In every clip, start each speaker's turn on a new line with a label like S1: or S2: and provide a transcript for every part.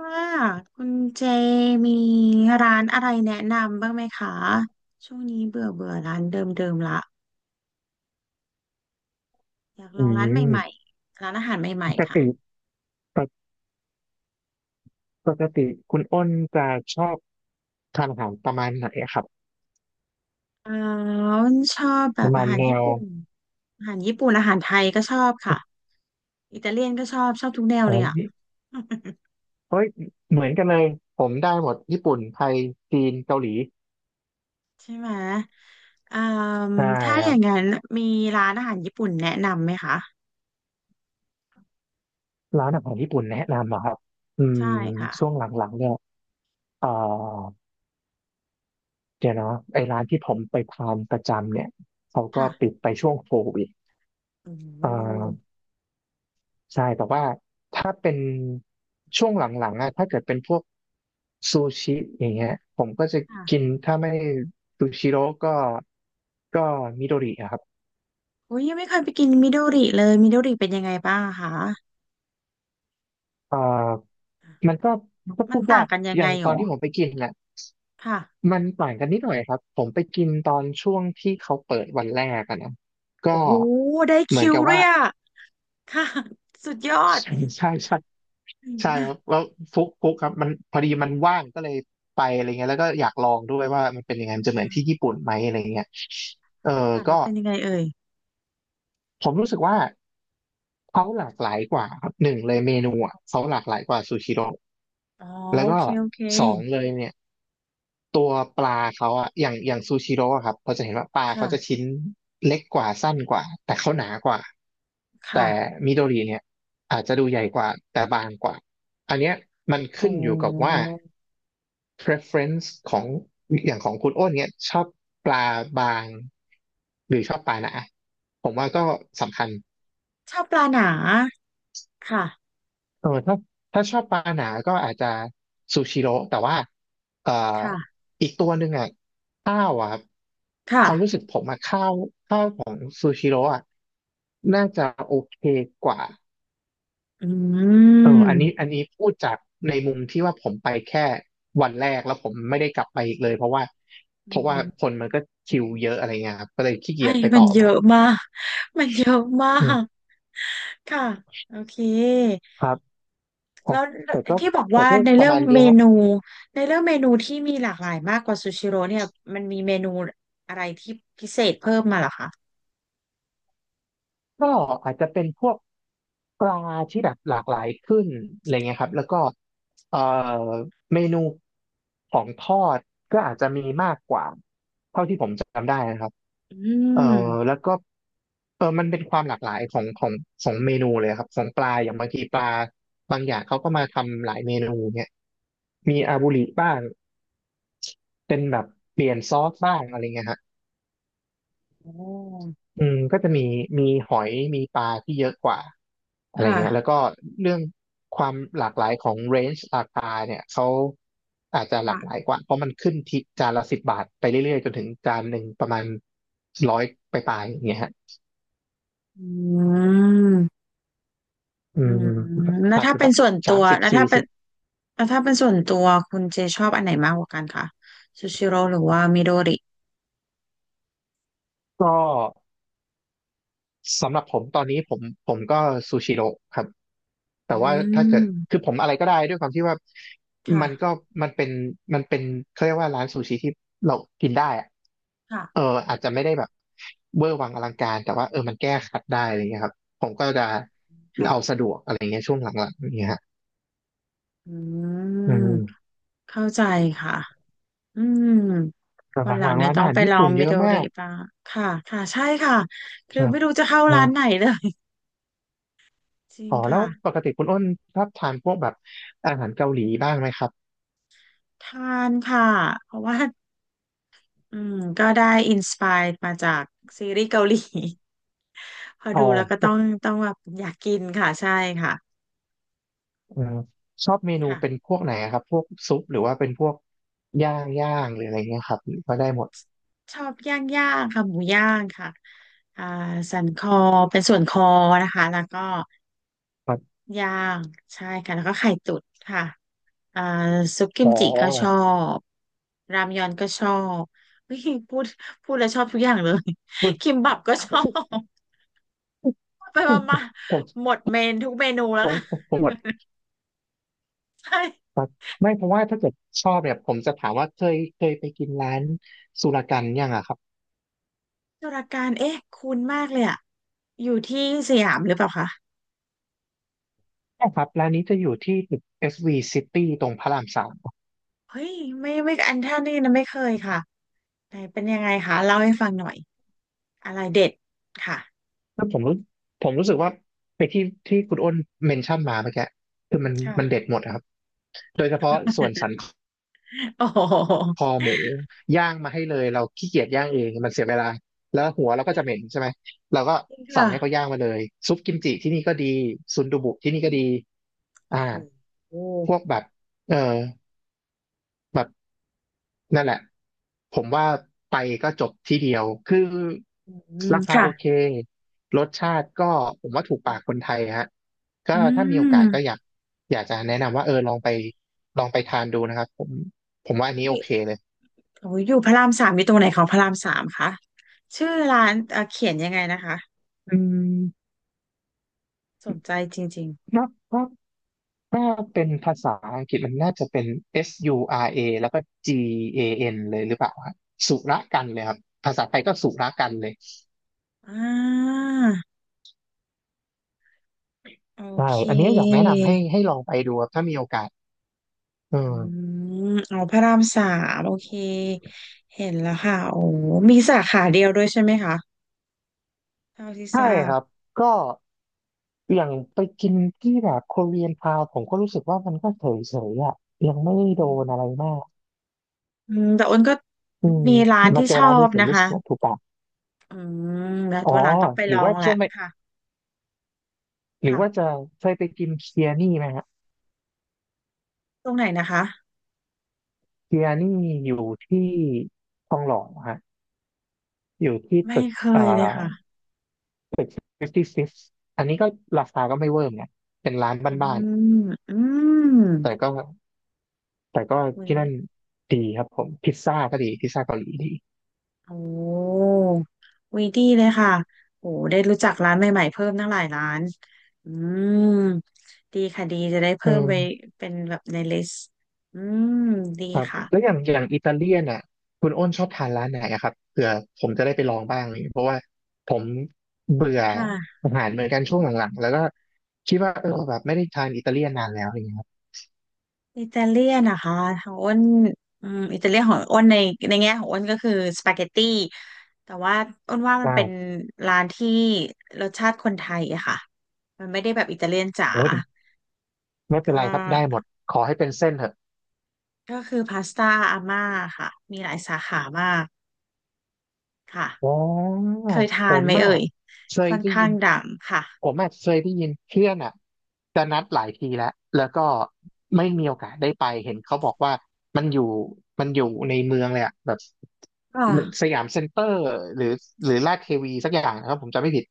S1: ว่าคุณเจมีร้านอะไรแนะนำบ้างไหมคะช่วงนี้เบื่อเบื่อร้านเดิมๆละอยากล
S2: อื
S1: องร้านใหม่
S2: ม
S1: ๆร้านอาหารให
S2: ป
S1: ม่
S2: ก
S1: ๆค่ะ
S2: ติปกปกติคุณอ้นจะชอบทานอาหารประมาณไหนอะครับ
S1: อาอนชอบแบ
S2: ป
S1: บ
S2: ระมา
S1: อา
S2: ณ
S1: หาร
S2: แน
S1: ญี่
S2: ว
S1: ปุ่นอาหารญี่ปุ่นอาหารไทยก็ชอบค่ะอิตาเลียนก็ชอบชอบทุกแนว
S2: เอ้
S1: เลยอ่ะ
S2: ย เอ้ยเหมือนกันเลยผมได้หมดญี่ปุ่นไทยจีนเกาหลี
S1: ใช่ไหมอืม
S2: ใช่
S1: ถ้า
S2: ค
S1: อ
S2: รั
S1: ย่า
S2: บ
S1: งนั้นมีร้านอาหารญี่ปุ่นแนะนำไหมคะ
S2: ร้านอาหารญี่ปุ่นแนะนำเหรอครับอืม
S1: ใช่ค่ะ
S2: ช่วงหลังๆเนี่ยเอ่อเดี๋ยวนะไอ้ร้านที่ผมไปทานประจำเนี่ยเขาก็ปิ
S1: ค่ะ
S2: ดไปช่วงโควิด
S1: โอ้
S2: เอ่อ
S1: โ
S2: ใช่แต่ว่าถ้าเป็นช่วงหลังๆอะถ้าเกิดเป็นพวกซูชิอย่างเงี้ยผมก็จะกิ
S1: ห
S2: นถ้าไม่ซูชิโร่ก็มิโดริอะครับ
S1: อุ้ยยังไม่เคยไปกินมิโดริเลยมิโดริเป็นยังไงบ้างคะ
S2: อ่มันก็มันก็
S1: มั
S2: พู
S1: น
S2: ด
S1: ต่า
S2: ยา
S1: ง
S2: ก
S1: กันยั
S2: อ
S1: งไง
S2: ย่าง
S1: ห
S2: ต
S1: ร
S2: อน
S1: อ
S2: ที่ผมไปกินน่ะ
S1: ค่ะ
S2: มันต่างกันนิดหน่อยครับ ผมไปกินตอนช่วงที่เขาเปิดวันแรกอะนะ
S1: โอ้
S2: ก็
S1: โหได้
S2: เหมื
S1: คิ
S2: อน
S1: ว
S2: กับ
S1: เล
S2: ว่า
S1: ยอะค่ะ สุดยอด
S2: ใช่ใช่ใช่
S1: อื
S2: ใช่
S1: ม
S2: ครับแล้วฟุกฟุกครับมันพอดีมันว่างก็เลยไปอะไรเงี้ยแล้วก็อยากลองด้วยว่ามันเป็นยังไงมันจะเหมือนที่ญี่ปุ่นไหมอะไรเงี้ยเออ
S1: ค่ะ
S2: ก็
S1: แล้วเป็นยังไงเอ่ย
S2: ผมรู้สึกว่าเขาหลากหลายกว่าครับหนึ่งเลยเมนูอ่ะเขาหลากหลายกว่าซูชิโร่
S1: อ๋อ
S2: แล้ว
S1: โอ
S2: ก็
S1: เคโอเค
S2: สองเลยเนี่ยตัวปลาเขาอ่ะอย่างซูชิโร่อะครับเราจะเห็นว่าปลาเขาจะ
S1: ค่ะ
S2: ชิ้นเล็กกว่าสั้นกว่าแต่เขาหนากว่าแต่
S1: ค่ะ
S2: มิโดริเนี่ยอาจจะดูใหญ่กว่าแต่บางกว่าอันเนี้ยมัน
S1: โอ
S2: ขึ้นอยู่กับ
S1: ้
S2: ว่า preference ของอย่างของคุณอ้นเนี้ยชอบปลาบางหรือชอบปลาหนาผมว่าก็สำคัญ
S1: ชอบปลาหนาค่ะ
S2: เออถ้าถ้าชอบปลาหนาก็อาจจะซูชิโร่แต่ว่าเอ่อ
S1: ค่ะ
S2: อีกตัวหนึ่งอ่ะข้าวอ่ะครับ
S1: ค่ะ
S2: ความรู้สึกผมอ่ะข้าวซูชิโร่อ่ะน่าจะโอเคกว่า
S1: อื
S2: เอออันนี้
S1: ม
S2: อันนี้พูดจากในมุมที่ว่าผมไปแค่วันแรกแล้วผมไม่ได้กลับไปอีกเลยเพราะว่า
S1: อื
S2: เพราะว่า
S1: ม
S2: คนมันก็คิวเยอะอะไรเงี้ยครับก็เลยขี้เกี
S1: ให้
S2: ยจไป
S1: มั
S2: ต่
S1: น
S2: อ
S1: เย
S2: ใหม่
S1: อะมากมันเยอะมา
S2: อืม
S1: กค่ะโอเค
S2: ครับครั
S1: แล้
S2: บ
S1: ว
S2: แต่ก็
S1: ที่บอก
S2: แต่
S1: ว่า
S2: ก็
S1: ใน
S2: ประ
S1: เรื่อง
S2: มาณนี้
S1: เม
S2: ฮะ
S1: นูในเรื่องเมนูที่มีหลากหลายมากกว่าซูชิโร่เนี่ยมันมีเมนูอะไรที่พิเศษเพิ่มมาเหรอคะ
S2: ก็อาจจะเป็นพวกปลาที่แบบหลากหลายขึ้นอะไรเงี้ยครับแล้วก็เอ่อเมนูของทอดก็อาจจะมีมากกว่าเท่าที่ผมจำได้นะครับ
S1: อื
S2: เออ
S1: ม
S2: แล้วก็มันเป็นความหลากหลายของเมนูเลยครับของปลาอย่างบางทีปลาบางอย่างเขาก็มาทำหลายเมนูเนี่ยมีอาบุริบ้างเป็นแบบเปลี่ยนซอสบ้างอะไรเงี้ยฮะ
S1: โอ้
S2: ก็จะมีหอยมีปลาที่เยอะกว่าอะไรเงี้ยแล้
S1: ค่ะ
S2: วก็เรื่องความหลากหลายของเรนจ์ราคาเนี่ยเขาอาจจะหลากหลาย
S1: ค่ะ
S2: กว่าเพราะมันขึ้นที่จานละ10 บาทไปเรื่อยๆจนถึงจานหนึ่งประมาณ100ไปลายๆอย่างเงี้ยฮะ
S1: อืม
S2: อื
S1: อืม
S2: ม
S1: แล้ว
S2: อาจ
S1: ถ้า
S2: จะ
S1: เป็
S2: แบ
S1: น
S2: บ
S1: ส่วนตั
S2: สาม
S1: ว
S2: สิบ
S1: แล้ว
S2: สี่
S1: ถ้าเป็
S2: สิ
S1: น
S2: บ
S1: แล้วถ้าเป็นส่วนตัวคุณเจชอบอันไหนมากกว่ากันคะซูชิโร่หรือว่ามิโดริ
S2: ก็สำหรับผมตอนนี้ผมก็ซูชิโร่ครับแต่
S1: อื
S2: ว่าถ้าเกิดคือ
S1: ม
S2: ผมอะไรก็ได้ด้วยความที่ว่ามันก็
S1: ค่ะ
S2: มันเป็นมันเป็นเขาเรียกว่าร้านซูชิที่เรากินได้อะ
S1: ค่ะ
S2: เอออาจจะไม่ได้แบบเวอร์วังอลังการแต่ว่ามันแก้ขัดได้อะไรเงี้ยครับผมก็จะ
S1: ค่ะ
S2: เอาสะดวกอะไรเงี้ยช่วงหลังๆอย่างเงี้ยฮะ
S1: อืม
S2: อืม
S1: เข้าใจค่ะ อืมค
S2: แต่
S1: นหลั
S2: ห
S1: ง
S2: ลังๆ
S1: เนี่ย
S2: ร้าน
S1: ต้อ
S2: อา
S1: ง
S2: หาร
S1: ไป
S2: ญี่
S1: ลอง
S2: ปุ่นเย
S1: มิ
S2: อะ
S1: โด
S2: มา
S1: ริ
S2: ก
S1: บ้างค่ะค่ะใช่ค่ะคื
S2: ค
S1: อ
S2: รับ
S1: ไม่รู้จะเข้า
S2: ครั
S1: ร้านไหน
S2: บ
S1: เลย จริง
S2: อ๋อแล้ว
S1: ค่ะ
S2: ปกติคุณอ้นชอบทานพวกแบบอาหารเกาหลีบ้างไหมครับ
S1: ทานค่ะเพราะว่าอืมก็ได้อินสปายมาจากซีรีส์เกาหลี พอ
S2: อ๋อ
S1: ดูแล้วก็
S2: พ
S1: ต้
S2: ว
S1: อ
S2: ก
S1: งต้องแบบอยากกินค่ะใช่ค่ะ
S2: เอ่อชอบเมนู
S1: ค่ะ
S2: เป็นพวกไหนอะครับพวกซุปหรือว่าเป็นพวกย่างย่างหรืออะไรเงี้ยครับก็ได้หมด
S1: ชอบย่างย่างค่ะหมูย่างค่ะอ่าสันคอเป็นส่วนคอนะคะแล้วก็
S2: ครับ
S1: ย่างใช่ค่ะแล้วก็ไข่ตุ๋นค่ะ อ่าซุปกิ
S2: อ๋อ
S1: มจิก็ชอบรามยอนก็ชอบ อุ๊ยพูดพูดแล้วชอบทุกอย่างเลย
S2: คุณ
S1: คิมบับก็ชอบ ไปมามา
S2: ผม
S1: หมดเมนทุกเมนูแล้
S2: ผ
S1: ว
S2: ม
S1: ค่ะ
S2: ผม หมด
S1: ใช่
S2: ไม่เพราะว่าถ้าเกิดชอบเนี่ยผมจะถามว่าเคยไปกินร้านสุรกันยังอะครับ
S1: ตุรการเอ๊ะคุ้นมากเลยอะอยู่ที่สยามหรือเปล่าคะ
S2: ใช่ครับร้านนี้จะอยู่ที่ตึก SV City ตรงพระราม 3
S1: เฮ้ยไม่ไม่อันท่านี่นะไม่เคยค่ะไหนเป็นยังไงคะเล่าให้ฟังหน่อยอะไรเด็ดค่ะ
S2: แล้วผมรู้สึกว่าไอ้ที่ที่คุณอ้นเมนชั่นมาเมื่อกี้คือมันเด็
S1: ค่ะ
S2: ดหมดอะครับ โดยเฉพาะส่วนสัน
S1: โอ้โ
S2: ค
S1: ห
S2: อหมูย่างมาให้เลยเราขี้เกียจย่างเองมันเสียเวลา แล้วหัวเราก็จะเหม็นใช่ไหม เราก็
S1: จริง
S2: สั่
S1: ค่ะ
S2: งให้เขาย่างมาเลยซุปกิมจิที่นี่ก็ดีซุนดูบุที่นี่ก็ดี
S1: โอ้
S2: อ่า
S1: โห
S2: พวกแบบเออแบบ นั่นแหละผมว่าไปก็จบที่เดียวคือ
S1: อืม
S2: ราคา
S1: ค่ะ
S2: โอเครสชาติก็ผมว่าถูกปากคนไทยฮะก็
S1: อื
S2: ถ้ามีโอกาสก็อ
S1: ม
S2: ยากอยากจะแนะนำว่าลองไปทานดูนะครับผมว่าอันนี้โอเคเลย
S1: โอ้ยอยู่พระรามสามอยู่ตรงไหนของพระรามสามคะชื่อร้านเขียนยังไงนะคะ
S2: อืม
S1: สนใจจริง
S2: นับ่าถ้าเป็นภาษาอังกฤษมันน่าจะเป็น SURA แล้วก็ GAN เลยหรือเปล่าฮะสุรกันเลยครับภาษาไทยก็สุรกันเลย
S1: ๆอ่าโอ
S2: ใช่
S1: เค
S2: อันนี้อยากแนะนำให้ลองไปดูครับถ้ามีโอกาสเ
S1: อื
S2: ออ
S1: มอ๋อพระรามสามโอเคเห็นแล้วค่ะโอ้มีสาขาเดียวด้วยใช่ไหมคะเท่าที่ท
S2: ใช่
S1: รา
S2: ค
S1: บ
S2: รับก็อย่างไปกินที่แบบโคเรียนทาวผมก็รู้สึกว่ามันก็เฉยๆอ่ะยังไม่
S1: อื
S2: ได้โดน
S1: ม
S2: อะไรมาก
S1: อืมแต่อ้นก็
S2: อืม
S1: มีร้าน
S2: มา
S1: ที่
S2: เจอ
S1: ชอ
S2: ร้านนี้
S1: บ
S2: ผม
S1: นะ
S2: รู้
S1: คะ
S2: สึกว่าถูกปาก
S1: อืมแล้ว
S2: อ๋อ
S1: วันหลังต้องไป
S2: ห
S1: ล
S2: รือ
S1: อ
S2: ว่า
S1: งแห
S2: ช่
S1: ละ
S2: วงไป
S1: ค่ะ
S2: หรือว่า
S1: ค่ะ
S2: จะเคยไปกินเคียนี่ไหมฮะ
S1: ตรงไหนนะคะ
S2: เคียนี่อยู่ที่ทองหล่อฮะอยู่ที่
S1: ไม่
S2: ตึก
S1: เค
S2: อ่า
S1: ยเลยค่ะ
S2: ตึก56อันนี้ก็ราคาก็ไม่เวอร์เนยเป็นร้าน
S1: อื
S2: บ้าน
S1: มอืม
S2: ๆแต่ก็
S1: อุ๊ย
S2: ที่นั่นดีครับผมพิซซ่าก็ดีพิซซ่าเกาหลีดี
S1: โอ้วีดีเลยค่ะโอ้ได้รู้จักร้านใหม่ๆเพิ่มตั้งหลายร้านอืมดีค่ะดีจะได้
S2: อื
S1: เพิ่มไป
S2: ม
S1: เป็นแบบในลิสต์อืมดี
S2: ครับ
S1: ค่ะ
S2: แล้วอย่างอิตาเลียนอ่ะคุณอ้นชอบทานร้านไหนอะครับเผื่อผมจะได้ไปลองบ้างเลยเพราะว่าผมเบื่อ
S1: ค่ะ
S2: อาหารเหมือนกันช่วงหลังๆแล้วก็คิดว่าเออแบบไม่ได้ทานอิตาเลียนนานแล้วอย่างเงี้ยครับ
S1: อิตาเลียนนะคะของอ้นอิตาเลียนของอ้นในในแง่ของอ้นก็คือสปาเกตตี้แต่ว่าอ้นว่ามัน
S2: ได้
S1: เป็นร้านที่รสชาติคนไทยอะค่ะมันไม่ได้แบบอิตาเลียนจ๋า
S2: โอ้ยไม่เป็
S1: ก็
S2: นไรครับได้หมดขอให้เป็นเส้นเถอะ
S1: ก็คือพาสต้าอาม่าค่ะมีหลายสาขามาก
S2: อ๋
S1: ค่ะ
S2: อ
S1: เคย
S2: ผ
S1: ทาน
S2: ม
S1: ไหม
S2: อ่ะ
S1: เอ่ย
S2: เคย
S1: ค่อน
S2: ได้
S1: ข้า
S2: ยิน
S1: งดังค่ะ
S2: ผมอ่ะเคยได้ยินเพื่อนอ่ะจะนัดหลายทีแล้วแล้วก็ไม่มีโอกาสได้ไปเห็นเขาบอกว่ามันอยู่มันอยู่ในเมืองเลยอ่ะแบบ มัน
S1: อ่า
S2: สยามเซ็นเตอร์หรือหรือลาดเทวีสักอย่างนะครับผมจำไม่ผิด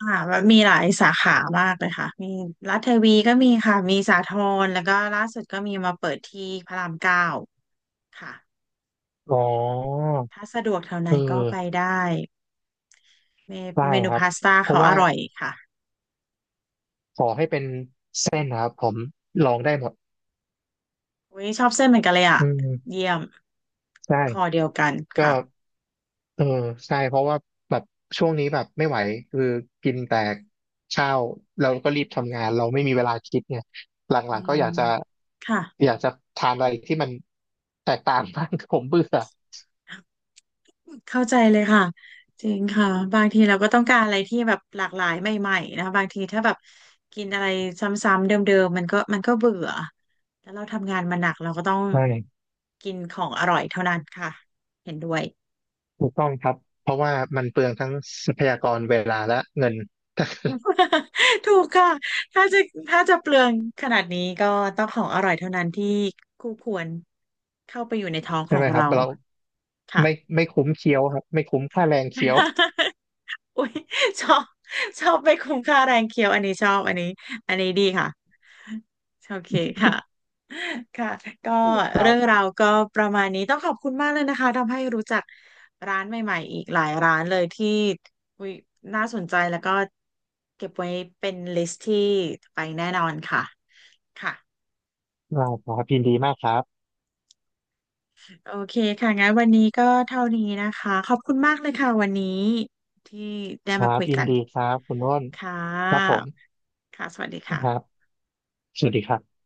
S1: อ่าแบบมีหลายสาขามากเลยค่ะมีรัฐเทวีก็มีค่ะมีสาทรแล้วก็ล่าสุดก็มีมาเปิดที่พระรามเก้าค่ะ
S2: อ๋อ
S1: ถ้าสะดวกแถวไหน
S2: เอ
S1: ก็ไป
S2: อ
S1: ได้เม
S2: ได้
S1: เมนู
S2: ครับ
S1: พาสต้า
S2: เพ
S1: เขา
S2: ราะ
S1: อ
S2: ว่า
S1: ร่อยค่ะ
S2: ขอให้เป็นเส้นนะครับผมลองได้หมด
S1: อุ้ยชอบเส้นเหมือนกันเลยอ่ะ
S2: อืม
S1: เยี่ยม
S2: ได้
S1: คอเดียวกัน
S2: ก็
S1: ค่ะ
S2: เออใช่เพราะว่าแบบช่วงนี้แบบไม่ไหวคือกินแต่ข้าวเราก็รีบทำงานเราไม่มีเวลาคิดเนี่ยหล
S1: อื
S2: ังๆก็อยา
S1: ม
S2: กจะ
S1: ค่ะ
S2: อยากจะทานอะไรที่มันแตกต่าง บ้างผมเบื่อ
S1: เข้าใจเลยค่ะจริงค่ะบางทีเราก็ต้องการอะไรที่แบบหลากหลายใหม่ๆนะคะบางทีถ้าแบบกินอะไรซ้ำๆเดิมๆมันก็มันก็เบื่อแล้วเราทำงานมาหนักเราก็ต้อง
S2: ใช่
S1: กินของอร่อยเท่านั้นค่ะเห็นด้วย
S2: ถูกต้องครับ เพราะว่ามันเปลืองทั้งทรัพยากรเวลาและเงิน
S1: ถูกค่ะถ้าจะถ้าจะเปลืองขนาดนี้ก็ต้องของอร่อยเท่านั้นที่คู่ควรเข้าไปอยู่ในท้องข
S2: ใช่
S1: อ
S2: ไหม
S1: ง
S2: ครับ
S1: เรา
S2: เรา
S1: ค่ะ
S2: ไม่ไม่คุ้มเคี้ยวครับไม่คุ้มค่าแรงเคี้ยว
S1: อุ้ยชอบชอบไมคุ้มค่าแรงเคี้ยวอันนี้ชอบอันนี้อันนี้ดีค่ะ โอเคค่ะ ค่ะก็
S2: ครั
S1: เรื่อง
S2: บ
S1: ราวก็ประมาณนี้ต้องขอบคุณมากเลยนะคะ ทำให้รู้จักร้านใหม่ๆอีกหลายร้านเลยที่อุ๊ยน่าสนใจแล้วก็เก็บไว้เป็นลิสต์ที่ไปแน่นอนค่ะค่ะ
S2: เราครับยินดีมากครับ
S1: โอเคค่ะงั้นวันนี้ก็เท่านี้นะคะขอบคุณมากเลยค่ะวันนี้ที่ได้
S2: ค
S1: มา
S2: รับ
S1: คุย
S2: ยิ
S1: กั
S2: น
S1: น
S2: ดีครับคุณโน้น
S1: ค่
S2: ครับผ
S1: ะ
S2: ม
S1: ค่ะสวัสดี
S2: ค
S1: ค่ะ
S2: รับสวัสดีครับ